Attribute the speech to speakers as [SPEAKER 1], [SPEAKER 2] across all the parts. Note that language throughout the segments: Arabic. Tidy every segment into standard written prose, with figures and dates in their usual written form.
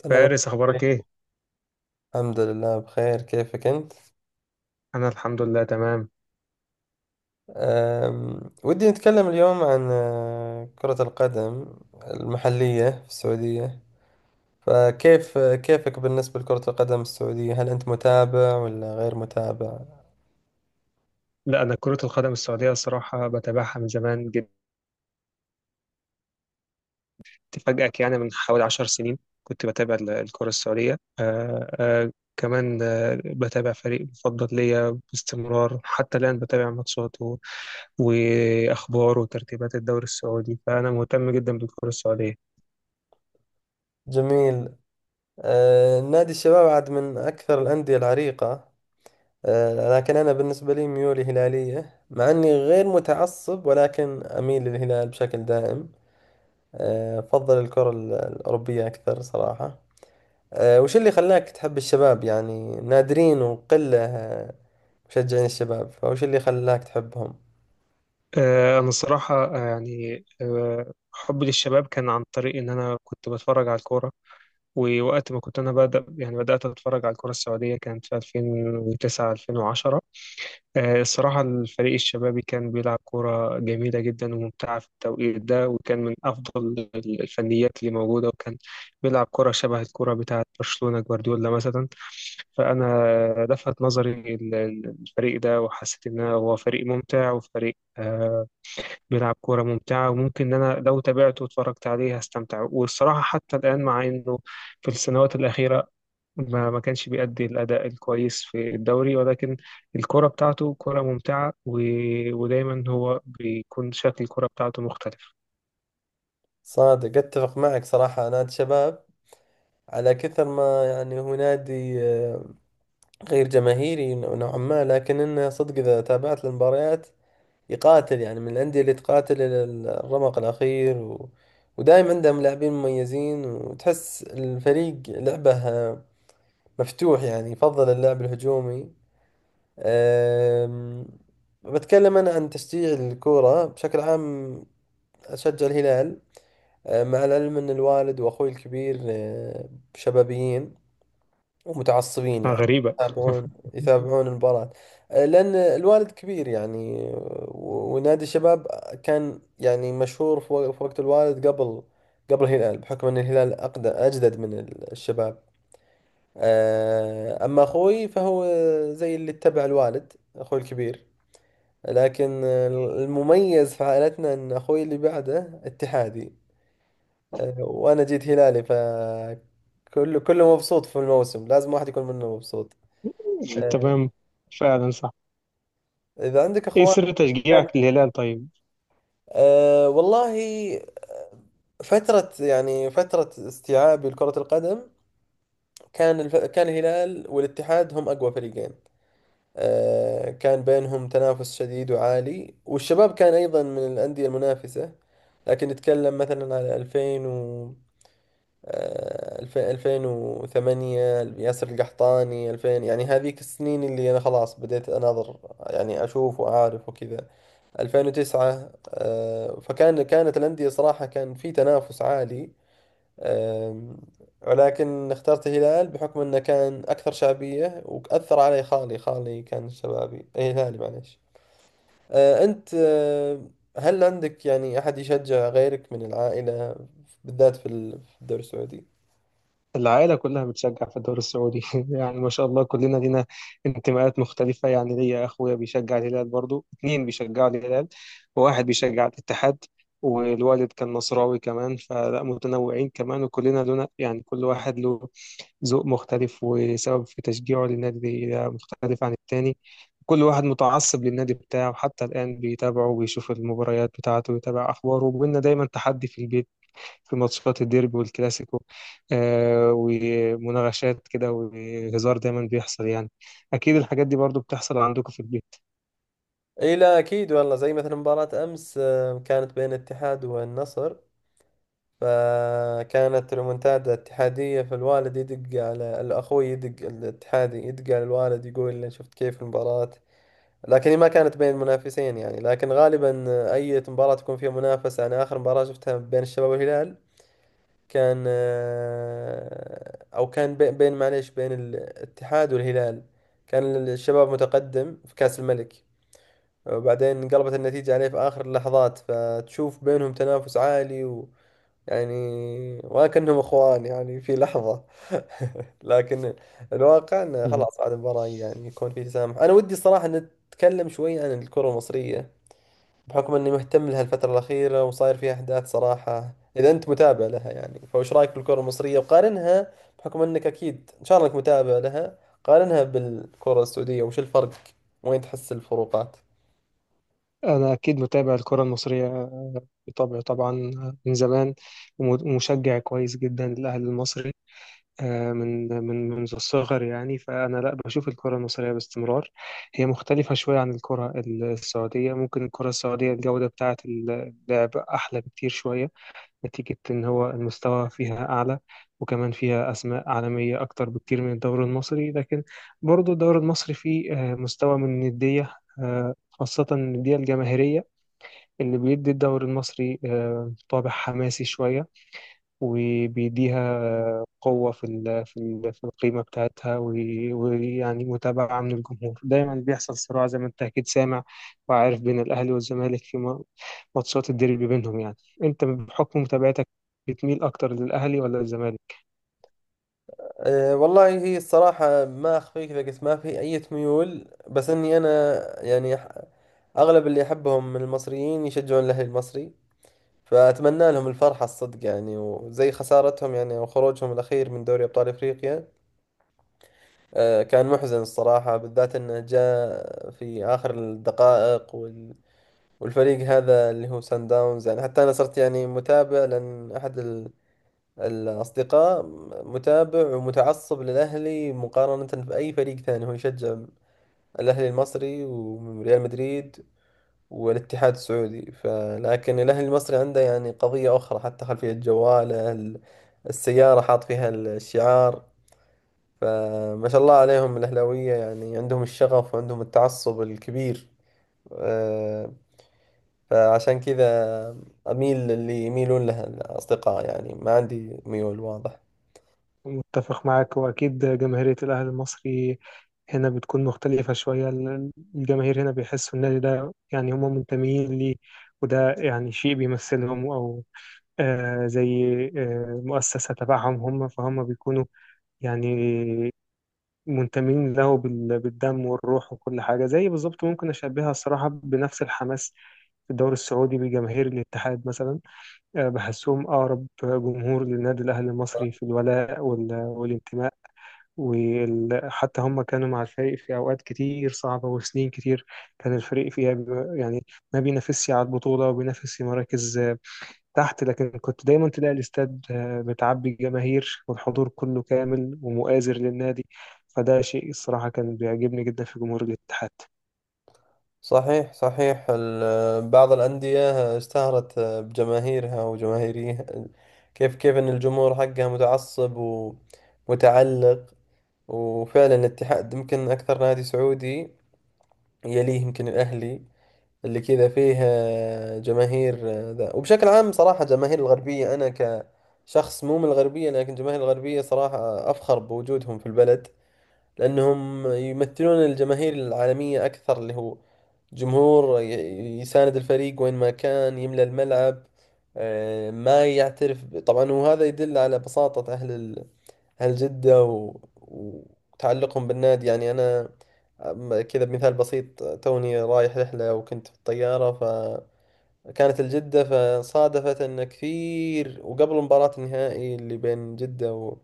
[SPEAKER 1] سلام.
[SPEAKER 2] فارس، أخبارك إيه؟
[SPEAKER 1] الحمد لله، بخير. كيفك أنت؟
[SPEAKER 2] أنا الحمد لله تمام.
[SPEAKER 1] ودي نتكلم اليوم عن كرة القدم المحلية في السعودية، فكيف كيفك بالنسبة لكرة القدم السعودية؟ هل أنت متابع ولا غير متابع؟
[SPEAKER 2] لا، أنا كرة القدم السعودية الصراحة بتابعها من زمان جدا. أفاجئك يعني من حوالي 10 سنين كنت بتابع الكرة السعودية. كمان بتابع فريق مفضل ليا باستمرار، حتى الآن بتابع ماتشاته وأخباره وترتيبات الدوري السعودي، فأنا مهتم جدا بالكرة السعودية.
[SPEAKER 1] جميل. نادي الشباب عاد من أكثر الأندية العريقة. لكن أنا بالنسبة لي ميولي هلالية، مع أني غير متعصب، ولكن أميل للهلال بشكل دائم. أفضل الكرة الأوروبية أكثر صراحة. وش اللي خلاك تحب الشباب؟ يعني نادرين وقلة مشجعين الشباب، فوش اللي خلاك تحبهم؟
[SPEAKER 2] أنا الصراحة يعني حبي للشباب كان عن طريق إن أنا كنت بتفرج على الكورة. ووقت ما كنت انا بدأ يعني بدأت اتفرج على الكرة السعودية كانت في 2009 2010. الصراحة الفريق الشبابي كان بيلعب كرة جميلة جدا وممتعة في التوقيت ده، وكان من افضل الفنيات اللي موجودة، وكان بيلعب كرة شبه الكرة بتاعة برشلونة جوارديولا مثلا. فأنا لفت نظري الفريق ده، وحسيت إن هو فريق ممتع وفريق بيلعب كورة ممتعة، وممكن إن أنا لو تابعته واتفرجت عليه هستمتع. والصراحة حتى الآن مع إنه في السنوات الأخيرة ما كانش بيأدي الأداء الكويس في الدوري، ولكن الكرة بتاعته كرة ممتعة ودايما هو بيكون شكل الكرة بتاعته مختلف.
[SPEAKER 1] صادق، اتفق معك صراحة. نادي الشباب، على كثر ما يعني هو نادي غير جماهيري نوعا ما، لكن انه صدق اذا تابعت المباريات يقاتل، يعني من الأندية اللي تقاتل إلى الرمق الأخير، ودايم عندهم لاعبين مميزين، وتحس الفريق لعبه مفتوح، يعني يفضل اللعب الهجومي. أم، بتكلم أنا عن تشجيع الكورة بشكل عام، أشجع الهلال. مع العلم أن الوالد وأخوي الكبير شبابيين ومتعصبين، يعني
[SPEAKER 2] غريبة.
[SPEAKER 1] يتابعون يتابعون المباراة. لأن الوالد كبير يعني، ونادي الشباب كان يعني مشهور في في وقت الوالد، قبل الهلال، بحكم أن الهلال أقدم أجدد من الشباب. أما أخوي فهو زي اللي اتبع الوالد، أخوي الكبير. لكن المميز في عائلتنا ان اخوي اللي بعده اتحادي، وانا جيت هلالي، فكله كله مبسوط، في الموسم لازم واحد يكون منه مبسوط. أه،
[SPEAKER 2] تمام. فعلا صح.
[SPEAKER 1] اذا عندك
[SPEAKER 2] إيه
[SPEAKER 1] اخوان.
[SPEAKER 2] سر
[SPEAKER 1] كان،
[SPEAKER 2] تشجيعك للهلال طيب؟
[SPEAKER 1] والله، فترة يعني فترة استيعابي لكرة القدم، كان الهلال والاتحاد هم أقوى فريقين. كان بينهم تنافس شديد وعالي، والشباب كان أيضا من الأندية المنافسة. لكن نتكلم مثلا على 2000 و 2008، ياسر القحطاني، 2000، يعني هذيك السنين اللي أنا خلاص بديت أناظر، يعني أشوف وأعرف وكذا، 2009. كانت الأندية صراحة، كان في تنافس عالي. آم، ولكن اخترت الهلال بحكم أنه كان أكثر شعبية، وأثر علي خالي. خالي كان شبابي، أي هلالي، معليش. أنت هل عندك يعني أحد يشجع غيرك من العائلة، بالذات في في الدوري السعودي؟
[SPEAKER 2] العائلة كلها بتشجع في الدوري السعودي. يعني ما شاء الله كلنا لينا انتماءات مختلفة، يعني ليا أخويا بيشجع الهلال، برضو اتنين بيشجعوا الهلال، وواحد بيشجع الاتحاد، والوالد كان نصراوي كمان. فلا متنوعين كمان، وكلنا لنا يعني كل واحد له ذوق مختلف وسبب في تشجيعه للنادي ده مختلف عن التاني. كل واحد متعصب للنادي بتاعه حتى الآن بيتابعه، وبيشوف المباريات بتاعته، ويتابع أخباره، وبينا دايما تحدي في البيت في ماتشات الديربي والكلاسيكو. ومناغشات كده وهزار دايما بيحصل يعني. أكيد الحاجات دي برضو بتحصل عندكم في البيت.
[SPEAKER 1] اي، لا اكيد والله. زي مثلا مباراة امس كانت بين الاتحاد والنصر، فكانت ريمونتادا اتحادية، فالوالد يدق على الاخوي، يدق الاتحادي يدق على الوالد، يقول له شفت كيف المباراة؟ لكن هي ما كانت بين منافسين يعني، لكن غالبا اي مباراة تكون فيها منافسة. يعني اخر مباراة شفتها بين الشباب والهلال، كان بين، معليش، بين الاتحاد والهلال. كان الشباب متقدم في كأس الملك، وبعدين انقلبت النتيجة عليه في آخر اللحظات. فتشوف بينهم تنافس عالي، و يعني وكأنهم اخوان يعني في لحظة. لكن الواقع انه
[SPEAKER 2] مم.
[SPEAKER 1] خلاص بعد المباراة يعني يكون في تسامح. انا ودي الصراحة نتكلم شوي عن الكرة المصرية، بحكم اني مهتم لها الفترة الأخيرة، وصاير فيها احداث. صراحة اذا انت متابع لها يعني، فوش رايك بالكرة المصرية؟ وقارنها، بحكم انك اكيد ان شاء الله انك متابع لها، قارنها بالكرة السعودية. وش الفرق؟ وين تحس الفروقات؟
[SPEAKER 2] أنا أكيد متابع الكرة المصرية بطبعي طبعا، من زمان ومشجع كويس جدا للأهلي المصري، من من منذ الصغر يعني. فأنا لا بشوف الكرة المصرية باستمرار. هي مختلفة شوية عن الكرة السعودية، ممكن الكرة السعودية الجودة بتاعة اللعب أحلى بكتير شوية، نتيجة إن هو المستوى فيها أعلى، وكمان فيها أسماء عالمية أكتر بكتير من الدوري المصري. لكن برضو الدوري المصري فيه مستوى من الندية، خاصة الندية الجماهيرية اللي بيدي الدوري المصري طابع حماسي شوية، وبيديها قوة في القيمة بتاعتها ويعني متابعة من الجمهور. دايما بيحصل صراع زي ما أنت أكيد سامع وعارف بين الأهلي والزمالك في ماتشات الديربي بينهم يعني. انت بحكم متابعتك بتميل اكتر للاهلي ولا الزمالك؟
[SPEAKER 1] أه، والله هي الصراحة ما أخفيك، لقيت ما في أي ميول، بس إني أنا يعني أغلب اللي أحبهم من المصريين يشجعون الأهلي المصري، فأتمنى لهم الفرحة الصدق يعني. وزي خسارتهم يعني، أو خروجهم الأخير من دوري أبطال إفريقيا، أه كان محزن الصراحة، بالذات إنه جاء في آخر الدقائق، والفريق هذا اللي هو سان داونز. يعني حتى أنا صرت يعني متابع، لأن أحد الأصدقاء متابع ومتعصب للأهلي مقارنة بأي فريق ثاني. هو يشجع الأهلي المصري وريال مدريد والاتحاد السعودي، فلكن الأهلي المصري عنده يعني قضية أخرى، حتى خلفية جواله السيارة حاط فيها الشعار. فما شاء الله عليهم الأهلاوية، يعني عندهم الشغف وعندهم التعصب الكبير. أه، فعشان كذا أميل اللي يميلون لها الأصدقاء، يعني ما عندي ميول واضح.
[SPEAKER 2] متفق معاك، واكيد جماهيرية الاهلي المصري هنا بتكون مختلفة شوية. الجماهير هنا بيحسوا النادي ده يعني هم منتمين ليه، وده يعني شيء بيمثلهم، أو زي مؤسسة تبعهم هم، فهم بيكونوا يعني منتمين له بالدم والروح وكل حاجة. زي بالظبط ممكن أشبهها الصراحة بنفس الحماس في الدوري السعودي بجماهير الاتحاد مثلا. بحسهم أقرب جمهور للنادي الأهلي المصري في الولاء والانتماء، وحتى هم كانوا مع الفريق في أوقات كتير صعبة وسنين كتير كان الفريق فيها يعني ما بينافسش على البطولة وبينافس في مراكز تحت. لكن كنت دايما تلاقي الاستاد متعبي الجماهير والحضور كله كامل ومؤازر للنادي. فده شيء الصراحة كان بيعجبني جدا في جمهور الاتحاد.
[SPEAKER 1] صحيح صحيح، بعض الأندية اشتهرت بجماهيرها وجماهيريها، كيف أن الجمهور حقها متعصب ومتعلق. وفعلا الاتحاد يمكن أكثر نادي سعودي، يليه يمكن الأهلي، اللي كذا فيه جماهير. ذا وبشكل عام صراحة، جماهير الغربية، أنا كشخص مو من الغربية، لكن جماهير الغربية صراحة أفخر بوجودهم في البلد، لأنهم يمثلون الجماهير العالمية أكثر، اللي هو جمهور يساند الفريق وين ما كان، يملى الملعب، ما يعترف طبعا. وهذا يدل على بساطة أهل أهل جدة وتعلقهم بالنادي. يعني أنا، كذا بمثال بسيط، توني رايح رحلة وكنت في الطيارة، فكانت الجدة. فصادفت أن كثير، وقبل مباراة النهائي اللي بين جدة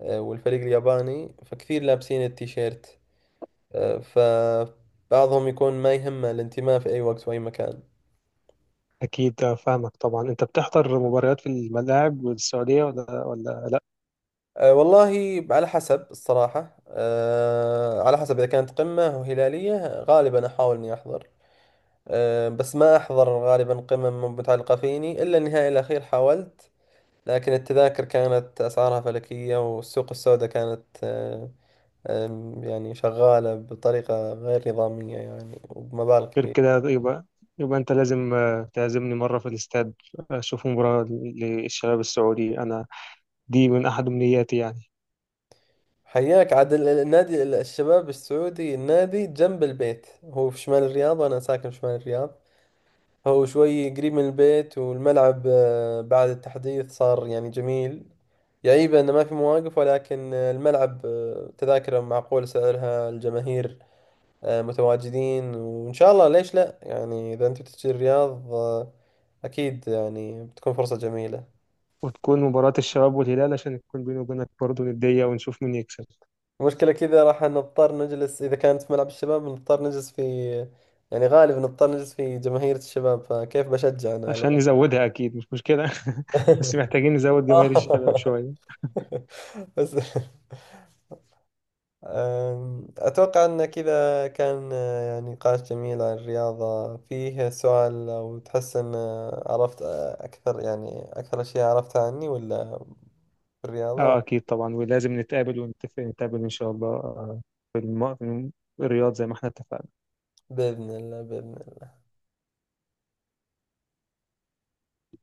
[SPEAKER 1] والفريق الياباني، فكثير لابسين التيشيرت. فبعضهم يكون ما يهمه الانتماء في أي وقت وأي مكان.
[SPEAKER 2] أكيد فاهمك طبعا. أنت بتحضر مباريات في الملاعب والسعودية ولا لأ؟
[SPEAKER 1] والله على حسب الصراحة، على حسب إذا كانت قمة وهلالية، غالبا أحاول إني أحضر. بس ما أحضر غالبا قمم، متعلقة فيني إلا النهائي الأخير، حاولت لكن التذاكر كانت أسعارها فلكية، والسوق السوداء كانت أه، أم، يعني شغالة بطريقة غير نظامية يعني، وبمبالغ
[SPEAKER 2] غير
[SPEAKER 1] كبيرة.
[SPEAKER 2] كده يبقى أنت لازم تعزمني مرة في الاستاد أشوف مباراة للشباب السعودي. أنا دي من أحد أمنياتي يعني.
[SPEAKER 1] حياك عاد. النادي، الشباب السعودي، النادي جنب البيت، هو في شمال الرياض وأنا ساكن في شمال الرياض. هو شوي قريب من البيت، والملعب بعد التحديث صار يعني جميل. يعيبه إنه ما في مواقف، ولكن الملعب تذاكره معقول سعرها، الجماهير متواجدين. وإن شاء الله ليش لا يعني، إذا أنت بتجي الرياض أكيد يعني بتكون فرصة جميلة.
[SPEAKER 2] وتكون مباراة الشباب والهلال عشان يكون بيني وبينك برضه ندية ونشوف مين يكسب.
[SPEAKER 1] المشكلة كذا راح نضطر نجلس، إذا كانت في ملعب الشباب نضطر نجلس في، يعني غالبا نضطر نجلس في جماهير الشباب، فكيف بشجع أنا على
[SPEAKER 2] عشان
[SPEAKER 1] طول؟
[SPEAKER 2] نزودها أكيد مش مشكلة. بس محتاجين نزود جماهير الشباب شوية.
[SPEAKER 1] بس أتوقع أن كذا كان يعني نقاش جميل عن الرياضة. فيه سؤال، لو تحس أن عرفت أكثر، يعني أكثر أشياء عرفتها عني، ولا في الرياضة؟
[SPEAKER 2] أكيد طبعا، ولازم نتقابل ونتفق، نتقابل إن شاء الله في الرياض زي ما احنا اتفقنا.
[SPEAKER 1] بإذن الله، بإذن الله.